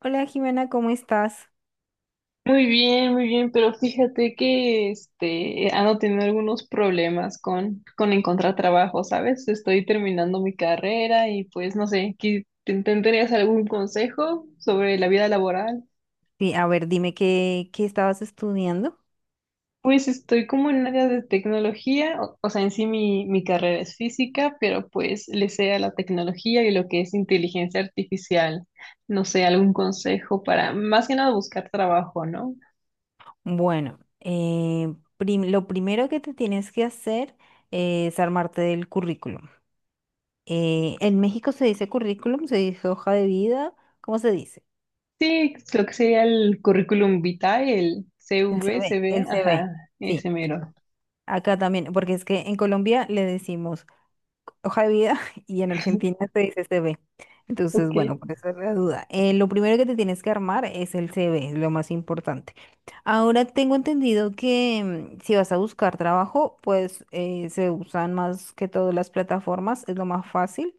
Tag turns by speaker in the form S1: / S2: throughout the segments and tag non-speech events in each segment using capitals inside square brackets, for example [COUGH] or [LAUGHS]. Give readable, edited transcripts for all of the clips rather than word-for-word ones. S1: Hola Jimena, ¿cómo estás?
S2: Muy bien, pero fíjate que ando teniendo algunos problemas con encontrar trabajo, ¿sabes? Estoy terminando mi carrera y pues no sé, ¿tendrías algún consejo sobre la vida laboral?
S1: Sí, a ver, dime qué estabas estudiando.
S2: Pues estoy como en áreas de tecnología, o sea, en sí mi carrera es física, pero pues le sé a la tecnología y lo que es inteligencia artificial. No sé, algún consejo para más que nada buscar trabajo, ¿no?
S1: Bueno, lo primero que te tienes que hacer es armarte del currículum. En México se dice currículum, se dice hoja de vida, ¿cómo se dice?
S2: Sí, lo que sería el currículum vitae, el
S1: El
S2: CV,
S1: CV,
S2: CV,
S1: el CV,
S2: ajá,
S1: sí.
S2: ese mero.
S1: Acá también, porque es que en Colombia le decimos hoja de vida [LAUGHS] y en Argentina se dice CV. Entonces,
S2: Ok,
S1: bueno, por eso es la duda. Lo primero que te tienes que armar es el CV, es lo más importante. Ahora tengo entendido que si vas a buscar trabajo, pues se usan más que todas las plataformas, es lo más fácil.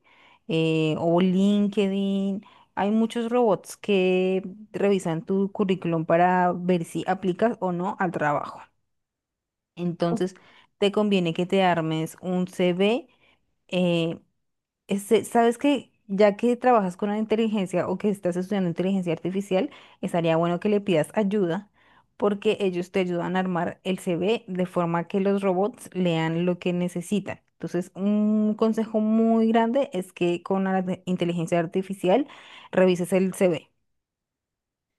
S1: O LinkedIn. Hay muchos robots que revisan tu currículum para ver si aplicas o no al trabajo.
S2: o-
S1: Entonces, te conviene que te armes un CV. Este, ¿sabes que Ya que trabajas con la inteligencia o que estás estudiando inteligencia artificial, estaría bueno que le pidas ayuda porque ellos te ayudan a armar el CV de forma que los robots lean lo que necesitan. Entonces, un consejo muy grande es que con la inteligencia artificial revises el CV.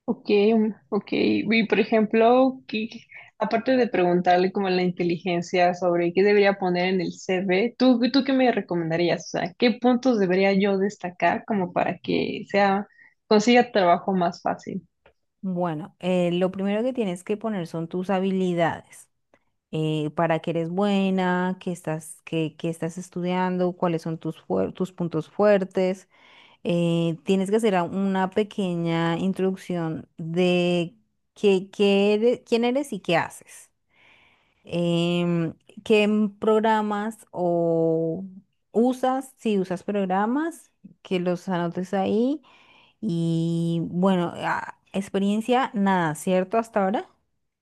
S2: ok, ok. Y por ejemplo, aparte de preguntarle como la inteligencia sobre qué debería poner en el CV, ¿tú qué me recomendarías? O sea, ¿qué puntos debería yo destacar como para que sea, consiga trabajo más fácil?
S1: Bueno, lo primero que tienes que poner son tus habilidades. Para qué eres buena, qué estás, qué estás estudiando, cuáles son tus, tus puntos fuertes. Tienes que hacer una pequeña introducción de qué, quién eres y qué haces. Em, ¿Qué programas o usas? Si usas programas, que los anotes ahí. Y bueno, experiencia, nada, ¿cierto? Hasta ahora.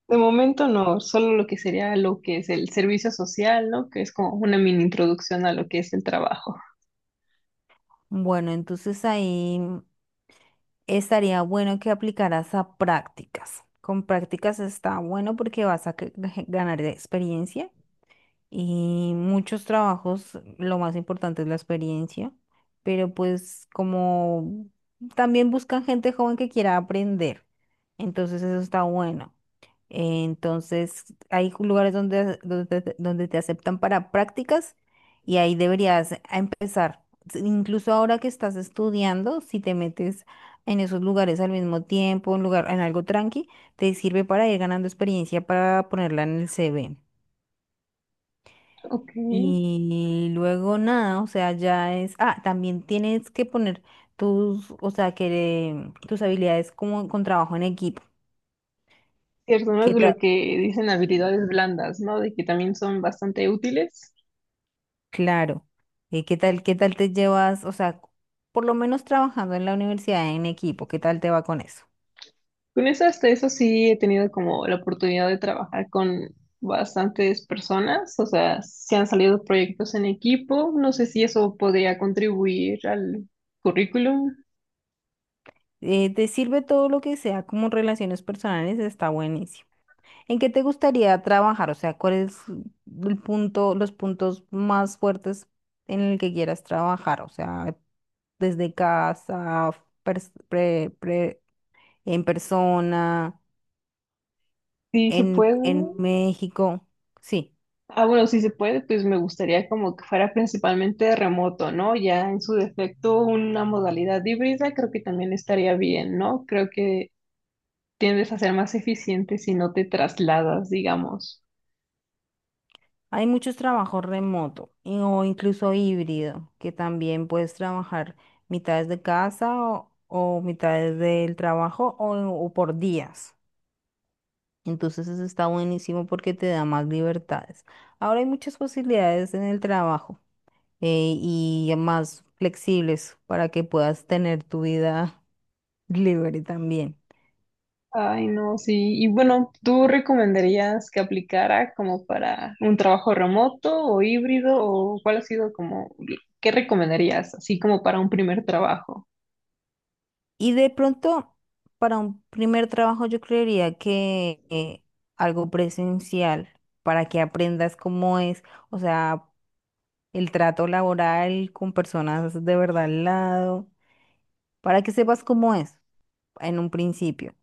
S2: De momento no, solo lo que sería lo que es el servicio social, ¿no? Que es como una mini introducción a lo que es el trabajo.
S1: Bueno, entonces ahí estaría bueno que aplicaras a prácticas. Con prácticas está bueno porque vas a ganar experiencia. Y muchos trabajos, lo más importante es la experiencia, pero pues como también buscan gente joven que quiera aprender, entonces eso está bueno. Entonces hay lugares donde, donde te aceptan para prácticas y ahí deberías a empezar. Incluso ahora que estás estudiando, si te metes en esos lugares al mismo tiempo, en lugar, en algo tranqui, te sirve para ir ganando experiencia para ponerla en el CV.
S2: Ok.
S1: Y luego nada, o sea, ya es, ah, también tienes que poner tus, o sea, que tus habilidades como con trabajo en equipo.
S2: Cierto, ¿no?
S1: ¿Qué
S2: Lo
S1: tal?
S2: que dicen habilidades blandas, ¿no? De que también son bastante útiles.
S1: Claro. ¿Qué tal, qué tal te llevas? O sea, por lo menos trabajando en la universidad en equipo, ¿qué tal te va con eso?
S2: Con eso, hasta eso sí he tenido como la oportunidad de trabajar con bastantes personas, o sea, se han salido proyectos en equipo, no sé si eso podría contribuir al currículum,
S1: ¿Te sirve todo lo que sea como relaciones personales? Está buenísimo. ¿En qué te gustaría trabajar? O sea, ¿cuál es el punto, los puntos más fuertes en el que quieras trabajar? O sea, desde casa, pers- pre- pre- en persona,
S2: sí se puede.
S1: en México. Sí,
S2: Ah, bueno, si se puede, pues me gustaría como que fuera principalmente remoto, ¿no? Ya en su defecto una modalidad híbrida creo que también estaría bien, ¿no? Creo que tiendes a ser más eficiente si no te trasladas, digamos.
S1: hay muchos trabajos remoto o incluso híbrido, que también puedes trabajar mitades de casa o mitades del trabajo o por días. Entonces eso está buenísimo porque te da más libertades. Ahora hay muchas posibilidades en el trabajo, y más flexibles para que puedas tener tu vida [LAUGHS] libre también.
S2: Ay, no, sí. Y bueno, ¿tú recomendarías que aplicara como para un trabajo remoto o híbrido o cuál ha sido como, qué recomendarías así como para un primer trabajo?
S1: Y de pronto, para un primer trabajo, yo creería que algo presencial, para que aprendas cómo es, o sea, el trato laboral con personas de verdad al lado, para que sepas cómo es en un principio.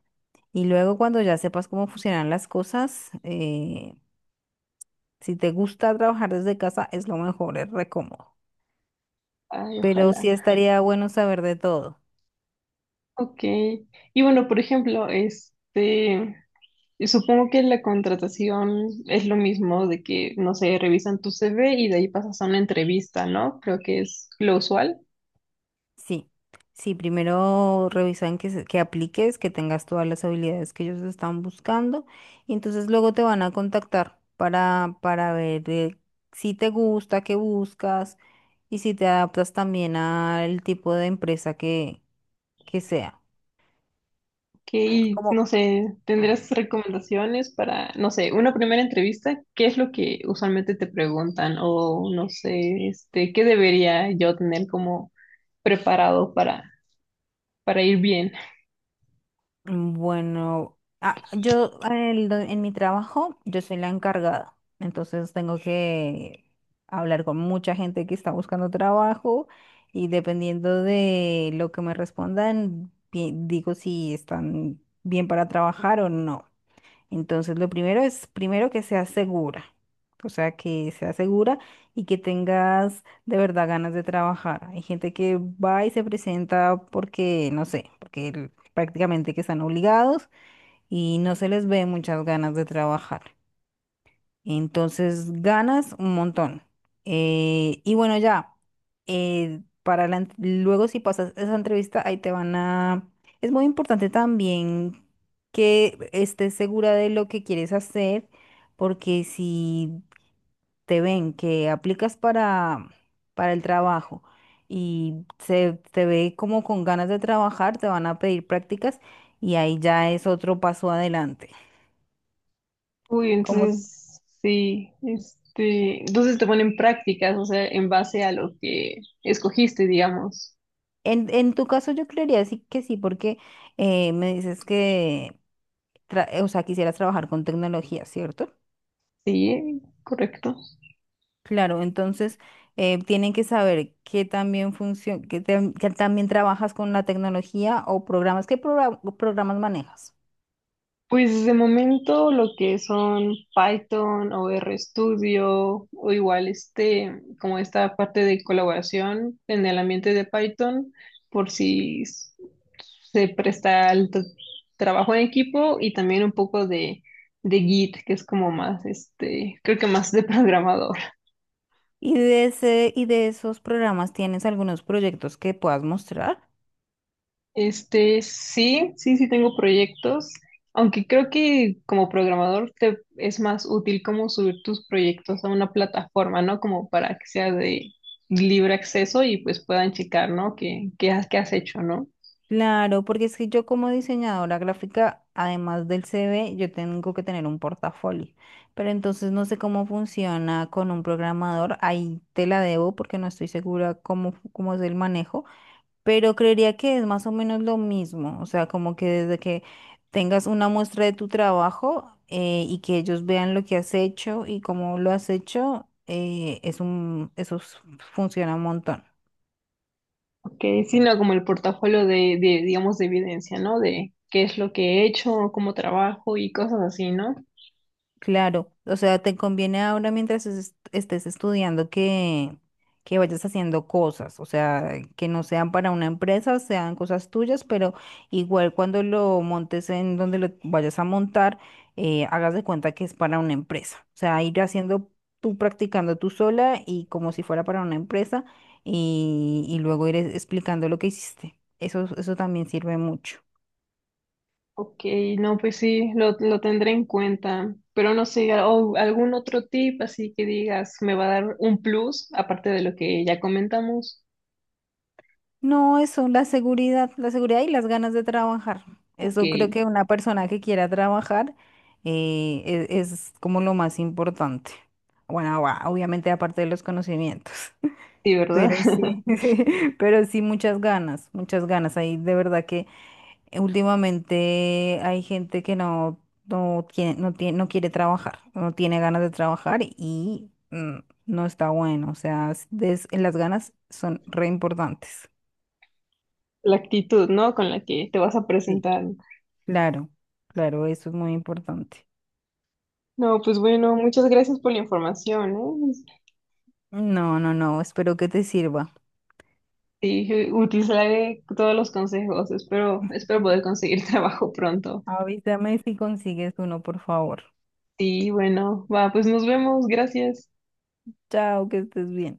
S1: Y luego cuando ya sepas cómo funcionan las cosas, si te gusta trabajar desde casa, es lo mejor, es re cómodo.
S2: Ay,
S1: Pero
S2: ojalá.
S1: sí estaría bueno saber de todo.
S2: Ok. Y bueno, por ejemplo, supongo que la contratación es lo mismo de que, no sé, revisan tu CV y de ahí pasas a una entrevista, ¿no? Creo que es lo usual.
S1: Sí, sí, primero revisan que, que apliques, que tengas todas las habilidades que ellos están buscando y entonces luego te van a contactar para ver si te gusta, qué buscas y si te adaptas también al tipo de empresa que sea.
S2: No sé, ¿tendrías recomendaciones para, no sé, una primera entrevista? ¿Qué es lo que usualmente te preguntan? O no sé, ¿qué debería yo tener como preparado para ir bien?
S1: Bueno, ah, yo en mi trabajo, yo soy la encargada, entonces tengo que hablar con mucha gente que está buscando trabajo y dependiendo de lo que me respondan, digo si están bien para trabajar o no. Entonces, lo primero es, primero que sea segura, o sea, que sea segura y que tengas de verdad ganas de trabajar. Hay gente que va y se presenta porque, no sé, porque prácticamente que están obligados y no se les ve muchas ganas de trabajar. Entonces ganas un montón. Y bueno, ya, para la luego si pasas esa entrevista, ahí te van a... Es muy importante también que estés segura de lo que quieres hacer, porque si te ven que aplicas para el trabajo y se te ve como con ganas de trabajar, te van a pedir prácticas y ahí ya es otro paso adelante.
S2: Uy, entonces, sí, entonces te ponen prácticas, o sea, en base a lo que escogiste, digamos.
S1: En tu caso yo creería sí que sí, porque me dices que, o sea, quisieras trabajar con tecnología, ¿cierto?
S2: Sí, correcto.
S1: Claro, entonces tienen que saber que también funciona, que, que también trabajas con la tecnología o programas, ¿qué programas manejas?
S2: Pues de momento lo que son Python o RStudio o igual como esta parte de colaboración en el ambiente de Python, por si s- se presta al trabajo en equipo y también un poco de Git, que es como más creo que más de programador.
S1: Y de ese, y de esos programas, ¿tienes algunos proyectos que puedas mostrar?
S2: Sí, sí tengo proyectos, aunque creo que como programador te es más útil como subir tus proyectos a una plataforma, ¿no? Como para que sea de libre acceso y pues puedan checar, ¿no? ¿Qué has hecho, ¿no?
S1: Claro, porque es que yo como diseñadora gráfica, además del CV, yo tengo que tener un portafolio. Pero entonces no sé cómo funciona con un programador. Ahí te la debo porque no estoy segura cómo, cómo es el manejo. Pero creería que es más o menos lo mismo. O sea, como que desde que tengas una muestra de tu trabajo, y que ellos vean lo que has hecho y cómo lo has hecho, es un, funciona un montón.
S2: Okay, sino como el portafolio digamos, de evidencia, ¿no? De qué es lo que he hecho, cómo trabajo y cosas así, ¿no?
S1: Claro, o sea, te conviene ahora mientras estés estudiando que vayas haciendo cosas, o sea, que no sean para una empresa, sean cosas tuyas, pero igual cuando lo montes en donde lo vayas a montar, hagas de cuenta que es para una empresa, o sea, ir haciendo tú practicando tú sola y como si fuera para una empresa y luego ir explicando lo que hiciste. Eso también sirve mucho.
S2: Ok, no, pues sí, lo tendré en cuenta, pero no sé, o algún otro tip así que digas, me va a dar un plus, aparte de lo que ya comentamos.
S1: No, eso, la seguridad y las ganas de trabajar.
S2: Ok,
S1: Eso creo
S2: sí,
S1: que una persona que quiera trabajar, es, como lo más importante. Bueno, va, obviamente aparte de los conocimientos, [LAUGHS]
S2: ¿verdad?
S1: pero
S2: [LAUGHS]
S1: sí, [LAUGHS] pero sí muchas ganas, muchas ganas. Ahí de verdad que últimamente hay gente que no, no tiene, no tiene, no quiere trabajar, no tiene ganas de trabajar y no está bueno. O sea, las ganas son re importantes.
S2: La actitud, ¿no? Con la que te vas a
S1: Sí.
S2: presentar.
S1: Claro, claro, eso es muy importante.
S2: No, pues bueno, muchas gracias por la información, ¿eh?
S1: No, no, no, espero que te sirva.
S2: Sí, utilizaré todos los consejos, espero, espero poder conseguir [LAUGHS] trabajo pronto.
S1: Avísame si consigues uno, por favor.
S2: Sí, bueno, va, pues nos vemos, gracias.
S1: Chao, que estés bien.